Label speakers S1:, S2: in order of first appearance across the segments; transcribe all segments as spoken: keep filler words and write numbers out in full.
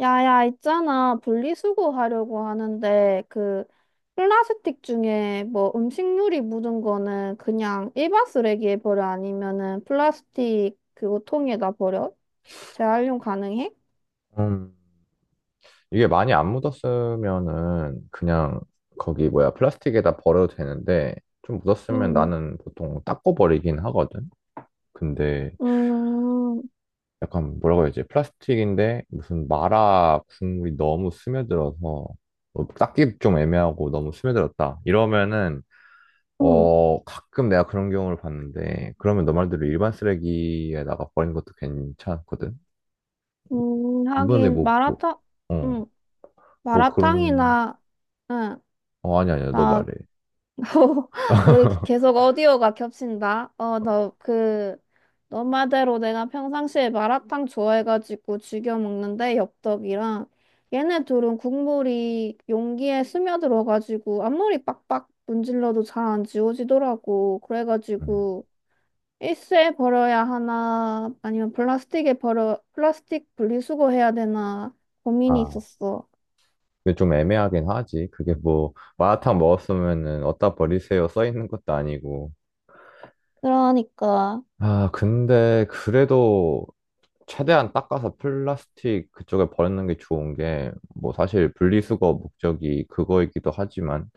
S1: 야야, 있잖아. 분리수거 하려고 하는데, 그, 플라스틱 중에 뭐 음식물이 묻은 거는 그냥 일반 쓰레기에 버려? 아니면은 플라스틱 그거 통에다 버려? 재활용 가능해?
S2: 음, 이게 많이 안 묻었으면은 그냥 거기 뭐야 플라스틱에다 버려도 되는데 좀 묻었으면
S1: 음,
S2: 나는 보통 닦고 버리긴 하거든. 근데
S1: 음,
S2: 약간 뭐라고 해야지 플라스틱인데 무슨 마라 국물이 너무 스며들어서 뭐 닦기 좀 애매하고 너무 스며들었다 이러면은
S1: 음,
S2: 어 가끔 내가 그런 경우를 봤는데, 그러면 너 말대로 일반 쓰레기에다가 버린 것도 괜찮거든.
S1: 음,
S2: 이번에
S1: 하긴,
S2: 뭐, 뭐,
S1: 마라탕,
S2: 어,
S1: 음,
S2: 뭐 그런,
S1: 마라탕이나, 응,
S2: 어 아니, 아니야. 너
S1: 나
S2: 말해.
S1: 우리 계속 오디오가 겹친다. 어, 너 그, 너 말대로 내가 평상시에 마라탕 좋아해가지고 즐겨 먹는데, 엽떡이랑. 얘네 둘은 국물이 용기에 스며들어가지고 앞머리 빡빡 문질러도 잘 안 지워지더라고.
S2: 음.
S1: 그래가지고 일회에 버려야 하나, 아니면 플라스틱에 버려, 플라스틱 분리수거 해야 되나 고민이
S2: 아,
S1: 있었어.
S2: 근데 좀 애매하긴 하지. 그게 뭐, 마라탕 먹었으면은 어디다 버리세요 써 있는 것도 아니고.
S1: 그러니까.
S2: 아, 근데 그래도 최대한 닦아서 플라스틱 그쪽에 버리는 게 좋은 게, 뭐 사실 분리수거 목적이 그거이기도 하지만,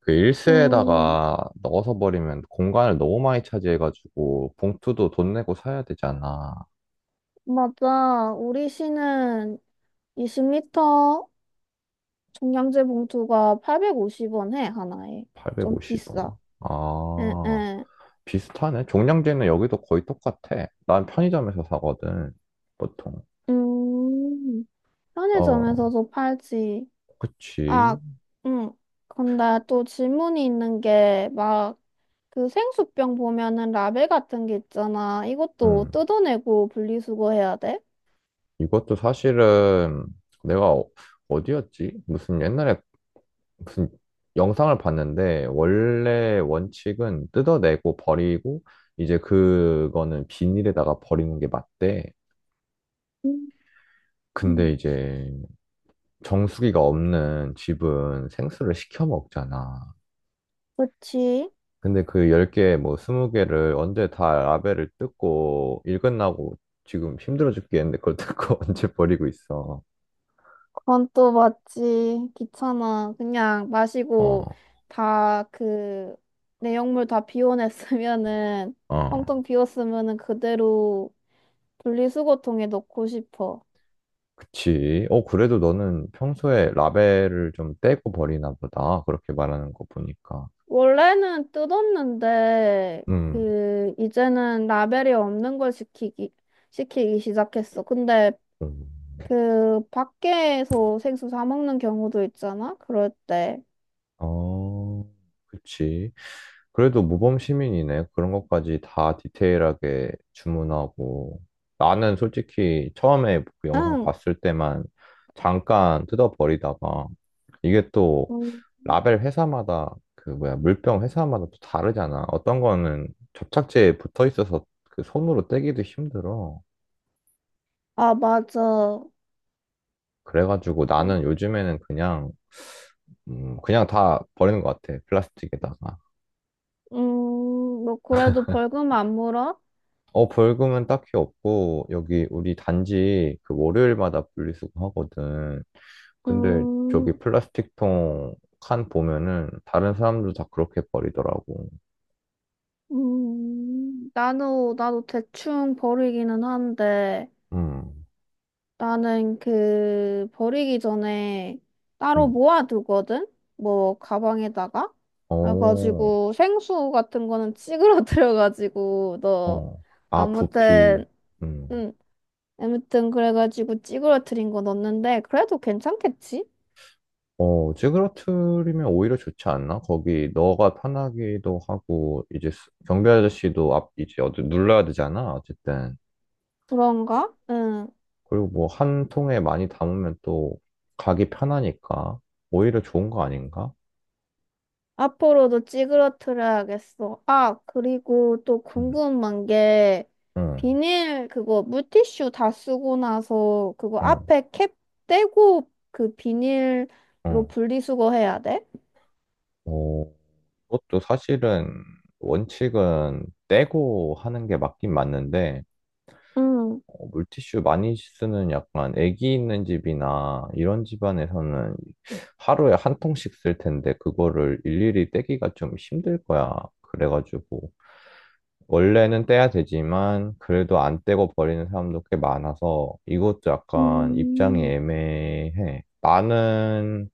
S2: 그
S1: 음,
S2: 일수에다가 넣어서 버리면 공간을 너무 많이 차지해가지고 봉투도 돈 내고 사야 되잖아.
S1: 맞아. 우리 시는 이십 리터 종량제 봉투가 팔백오십 원 해, 하나에. 좀
S2: 팔백오십 원.
S1: 비싸. 응,
S2: 아.
S1: 응.
S2: 비슷하네. 종량제는 여기도 거의 똑같아. 난 편의점에서 사거든, 보통.
S1: 음,
S2: 어,
S1: 편의점에서도 팔지. 아,
S2: 그치.
S1: 응. 근데 또 질문이 있는 게, 막, 그 생수병 보면은 라벨 같은 게 있잖아. 이것도
S2: 음.
S1: 뜯어내고 분리수거해야 돼?
S2: 이것도 사실은 내가 어- 어디였지? 무슨 옛날에 무슨 영상을 봤는데, 원래 원칙은 뜯어내고 버리고, 이제 그거는 비닐에다가 버리는 게 맞대.
S1: 음,
S2: 근데
S1: 음.
S2: 이제 정수기가 없는 집은 생수를 시켜 먹잖아.
S1: 그치?
S2: 근데 그 열 개, 뭐 스무 개를 언제 다 라벨을 뜯고, 일 끝나고 지금 힘들어 죽겠는데 그걸 뜯고 언제 버리고 있어.
S1: 그건 또 맞지. 귀찮아. 그냥 마시고
S2: 어,
S1: 다 그 내용물 다 비워냈으면은 텅텅
S2: 어.
S1: 비웠으면은 그대로 분리수거통에 넣고 싶어.
S2: 그치. 어, 그래도 너는 평소에 라벨을 좀 떼고 버리나 보다. 그렇게 말하는 거 보니까.
S1: 원래는 뜯었는데
S2: 음,
S1: 그 이제는 라벨이 없는 걸 시키기 시키기 시작했어. 근데
S2: 음.
S1: 그 밖에서 생수 사 먹는 경우도 있잖아. 그럴 때.
S2: 어, 그치. 그래도 모범 시민이네. 그런 것까지 다 디테일하게 주문하고. 나는 솔직히 처음에 그 영상
S1: 응.
S2: 봤을 때만 잠깐 뜯어버리다가, 이게 또
S1: 음.
S2: 라벨 회사마다 그 뭐야 물병 회사마다 또 다르잖아. 어떤 거는 접착제에 붙어 있어서 그 손으로 떼기도 힘들어.
S1: 아, 맞아.
S2: 그래가지고 나는 요즘에는 그냥 음, 그냥 다 버리는 것 같아. 플라스틱에다가.
S1: 음, 뭐, 그래도 벌금 안 물어?
S2: 어, 벌금은 딱히 없고, 여기 우리 단지 그 월요일마다 분리수거 하거든. 근데 저기
S1: 음,
S2: 플라스틱 통 칸 보면은 다른 사람들 다 그렇게 버리더라고.
S1: 음, 나도, 나도 대충 버리기는 한데,
S2: 음,
S1: 나는 그, 버리기 전에 따로
S2: 음,
S1: 모아두거든? 뭐, 가방에다가?
S2: 어,
S1: 그래가지고, 생수 같은 거는 찌그러뜨려가지고, 너,
S2: 어. 아, 부피.
S1: 아무튼,
S2: 음.
S1: 응, 아무튼, 그래가지고 찌그러뜨린 거 넣었는데, 그래도 괜찮겠지?
S2: 어, 찌그러트리면 오히려 좋지 않나? 거기 너가 편하기도 하고, 이제 수- 경비 아저씨도 앞, 이제 어디 눌러야 되잖아, 어쨌든.
S1: 그런가? 응.
S2: 그리고 뭐 한 통에 많이 담으면 또 가기 편하니까 오히려 좋은 거 아닌가?
S1: 앞으로도 찌그러트려야겠어. 아, 그리고 또
S2: 응,
S1: 궁금한 게
S2: 응,
S1: 비닐 그거 물티슈 다 쓰고 나서 그거
S2: 응,
S1: 앞에 캡 떼고 그 비닐로
S2: 응.
S1: 분리수거 해야 돼?
S2: 뭐, 그것도 사실은 원칙은 떼고 하는 게 맞긴 맞는데,
S1: 응.
S2: 어, 물티슈 많이 쓰는 약간 애기 있는 집이나 이런 집안에서는 하루에 한 통씩 쓸 텐데, 그거를 일일이 떼기가 좀 힘들 거야. 그래가지고 원래는 떼야 되지만 그래도 안 떼고 버리는 사람도 꽤 많아서 이것도 약간 입장이
S1: 음,
S2: 애매해. 나는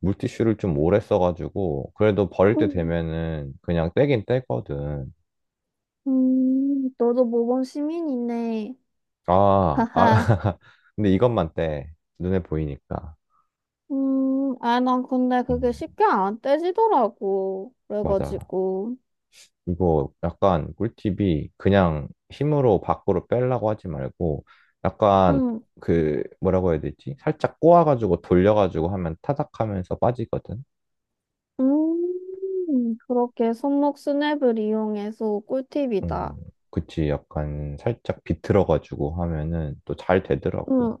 S2: 물티슈를 좀 오래 써가지고 그래도 버릴 때
S1: 음,
S2: 되면은 그냥 떼긴 떼거든.
S1: 음, 너도 모범 시민이네.
S2: 아, 아.
S1: 하하.
S2: 근데 이것만 떼. 눈에 보이니까.
S1: 음, 아, 난 근데 그게
S2: 음,
S1: 쉽게 안 떼지더라고.
S2: 맞아.
S1: 그래가지고.
S2: 이거 약간 꿀팁이 그냥 힘으로 밖으로 빼려고 하지 말고 약간
S1: 응.
S2: 그 뭐라고 해야 되지? 살짝 꼬아가지고 돌려가지고 하면 타닥하면서 빠지거든.
S1: 음, 그렇게 손목 스냅을 이용해서 꿀팁이다.
S2: 음, 그치. 약간 살짝 비틀어가지고 하면은 또 잘 되더라고.
S1: 응.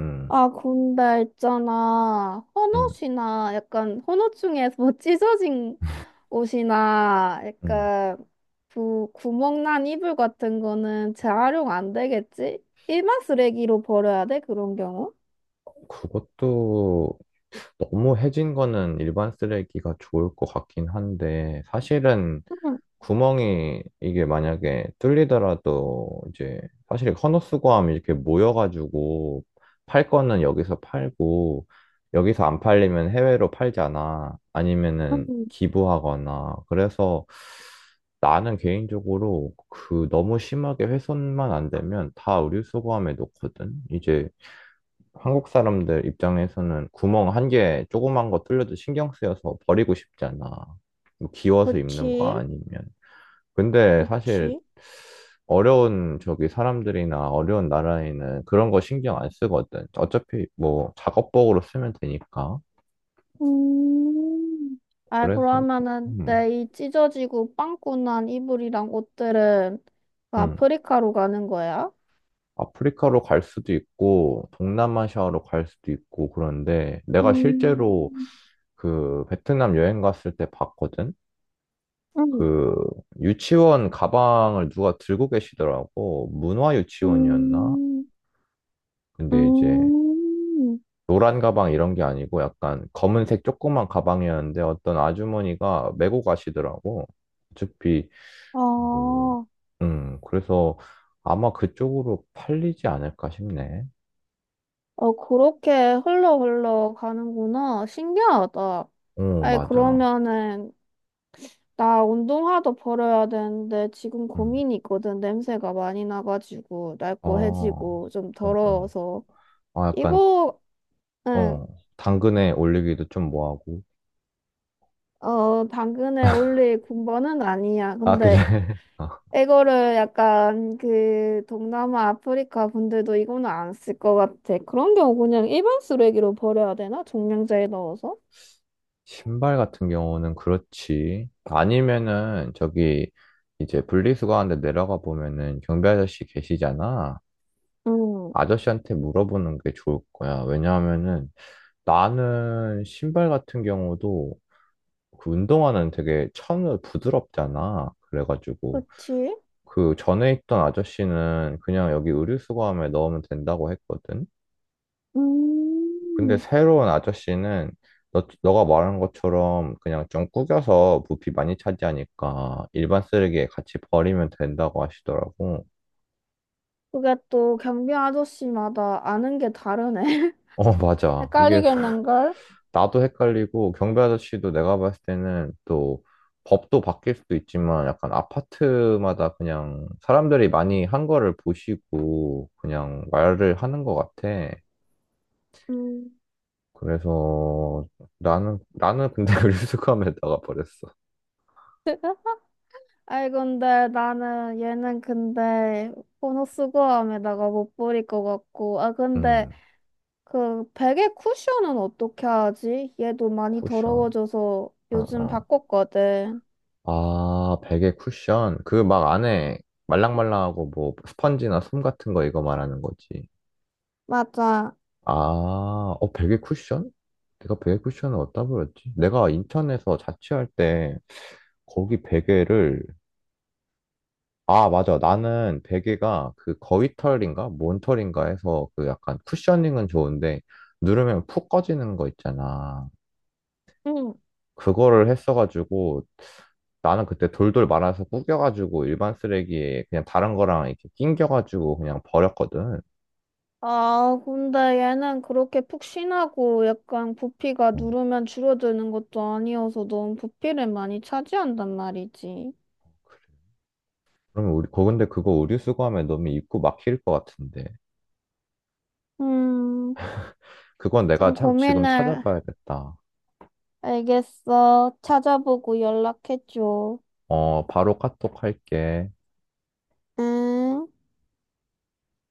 S2: 음,
S1: 아, 근데 있잖아.
S2: 음,
S1: 헌옷이나 약간 헌옷 중에서 뭐 찢어진 옷이나
S2: 음.
S1: 약간 그 구멍난 이불 같은 거는 재활용 안 되겠지? 일반 쓰레기로 버려야 돼, 그런 경우?
S2: 그것도 너무 해진 거는 일반 쓰레기가 좋을 것 같긴 한데, 사실은
S1: 응,
S2: 구멍이 이게 만약에 뚫리더라도 이제 사실 헌옷수거하면 이렇게 모여가지고 팔 거는 여기서 팔고, 여기서 안 팔리면 해외로 팔잖아. 아니면은
S1: 응.
S2: 기부하거나. 그래서 나는 개인적으로 그 너무 심하게 훼손만 안 되면 다 의류수거함에 놓거든. 이제 한국 사람들 입장에서는 구멍 한 개 조그만 거 뚫려도 신경 쓰여서 버리고 싶잖아. 뭐 기워서 입는 거
S1: 그치,
S2: 아니면. 근데 사실
S1: 그치.
S2: 어려운 저기 사람들이나 어려운 나라에는 그런 거 신경 안 쓰거든. 어차피 뭐 작업복으로 쓰면 되니까.
S1: 음. 아,
S2: 그래서
S1: 그러면은
S2: 음,
S1: 내 이 찢어지고 빵꾸난 이불이랑 옷들은 그
S2: 음.
S1: 아프리카로 가는 거야?
S2: 아프리카로 갈 수도 있고 동남아시아로 갈 수도 있고, 그런데 내가
S1: 음,
S2: 실제로 그 베트남 여행 갔을 때 봤거든.
S1: 음,
S2: 그 유치원 가방을 누가 들고 계시더라고. 문화 유치원이었나?
S1: 음,
S2: 근데 이제
S1: 음.
S2: 노란 가방 이런 게 아니고 약간 검은색 조그만 가방이었는데 어떤 아주머니가 메고 가시더라고. 어차피
S1: 아,
S2: 뭐,
S1: 어,
S2: 음, 그래서 아마 그쪽으로 팔리지 않을까 싶네.
S1: 그렇게 흘러 흘러 가는구나. 신기하다.
S2: 어,
S1: 아니,
S2: 맞아.
S1: 그러면은 나 운동화도 버려야 되는데 지금
S2: 음.
S1: 고민이 있거든. 냄새가 많이 나가지고
S2: 아,
S1: 낡고
S2: 어,
S1: 해지고 좀
S2: 어.
S1: 더러워서.
S2: 아, 약간,
S1: 이거
S2: 어, 당근에 올리기도 좀 뭐하고.
S1: 어, 당근에 올릴 군번은 아니야.
S2: 아, 그래.
S1: 근데
S2: 아,
S1: 이거를 약간 그 동남아 아프리카 분들도 이거는 안 쓸 것 같아. 그런 경우 그냥 일반 쓰레기로 버려야 되나? 종량제에 넣어서?
S2: 신발 같은 경우는 그렇지. 아니면은 저기 이제 분리수거하는데 내려가 보면은 경비 아저씨 계시잖아.
S1: 응.
S2: 아저씨한테 물어보는 게 좋을 거야. 왜냐하면은 나는 신발 같은 경우도 그 운동화는 되게 천을 부드럽잖아. 그래가지고
S1: 그치?
S2: 그 전에 있던 아저씨는 그냥 여기 의류수거함에 넣으면 된다고 했거든. 근데
S1: 음.
S2: 새로운 아저씨는 너, 너가 말한 것처럼 그냥 좀 구겨서 부피 많이 차지하니까 일반 쓰레기에 같이 버리면 된다고 하시더라고.
S1: 그게 또 경비 아저씨마다 아는 게 다르네.
S2: 어, 맞아. 이게
S1: 헷갈리겠는걸?
S2: 나도 헷갈리고 경비 아저씨도 내가 봤을 때는 또 법도 바뀔 수도 있지만 약간 아파트마다 그냥 사람들이 많이 한 거를 보시고 그냥 말을 하는 것 같아.
S1: 음.
S2: 그래서 나는 나는 근데 그수스감에 나가버렸어.
S1: 아이 근데 나는 얘는 근데 보너스 고함에다가 못 버릴 것 같고 아 근데
S2: 음.
S1: 그 베개 쿠션은 어떻게 하지? 얘도 많이
S2: 쿠션.
S1: 더러워져서
S2: 어,
S1: 요즘
S2: 어.
S1: 바꿨거든.
S2: 아, 베개 쿠션. 그 막 안에 말랑말랑하고 뭐 스펀지나 솜 같은 거 이거 말하는 거지.
S1: 맞아.
S2: 아, 어, 베개 쿠션? 내가 베개 쿠션을 어디다 버렸지? 내가 인천에서 자취할 때 거기 베개를, 아, 맞아. 나는 베개가 그 거위털인가 몬털인가 해서 그 약간 쿠셔닝은 좋은데 누르면 푹 꺼지는 거 있잖아.
S1: 응.
S2: 그거를 했어가지고 나는 그때 돌돌 말아서 구겨가지고 일반 쓰레기에 그냥 다른 거랑 이렇게 낑겨가지고 그냥 버렸거든.
S1: 아, 근데 얘는 그렇게 푹신하고 약간 부피가
S2: 어,
S1: 누르면 줄어드는 것도 아니어서 너무 부피를 많이 차지한단 말이지.
S2: 그래. 그러면 우리, 거 근데 그거 의류 수거하면 너무 입고 막힐 것 같은데.
S1: 음,
S2: 그건 내가
S1: 좀
S2: 참 지금
S1: 고민을
S2: 찾아봐야겠다.
S1: 알겠어. 찾아보고 연락해줘.
S2: 어, 바로 카톡 할게.
S1: 응.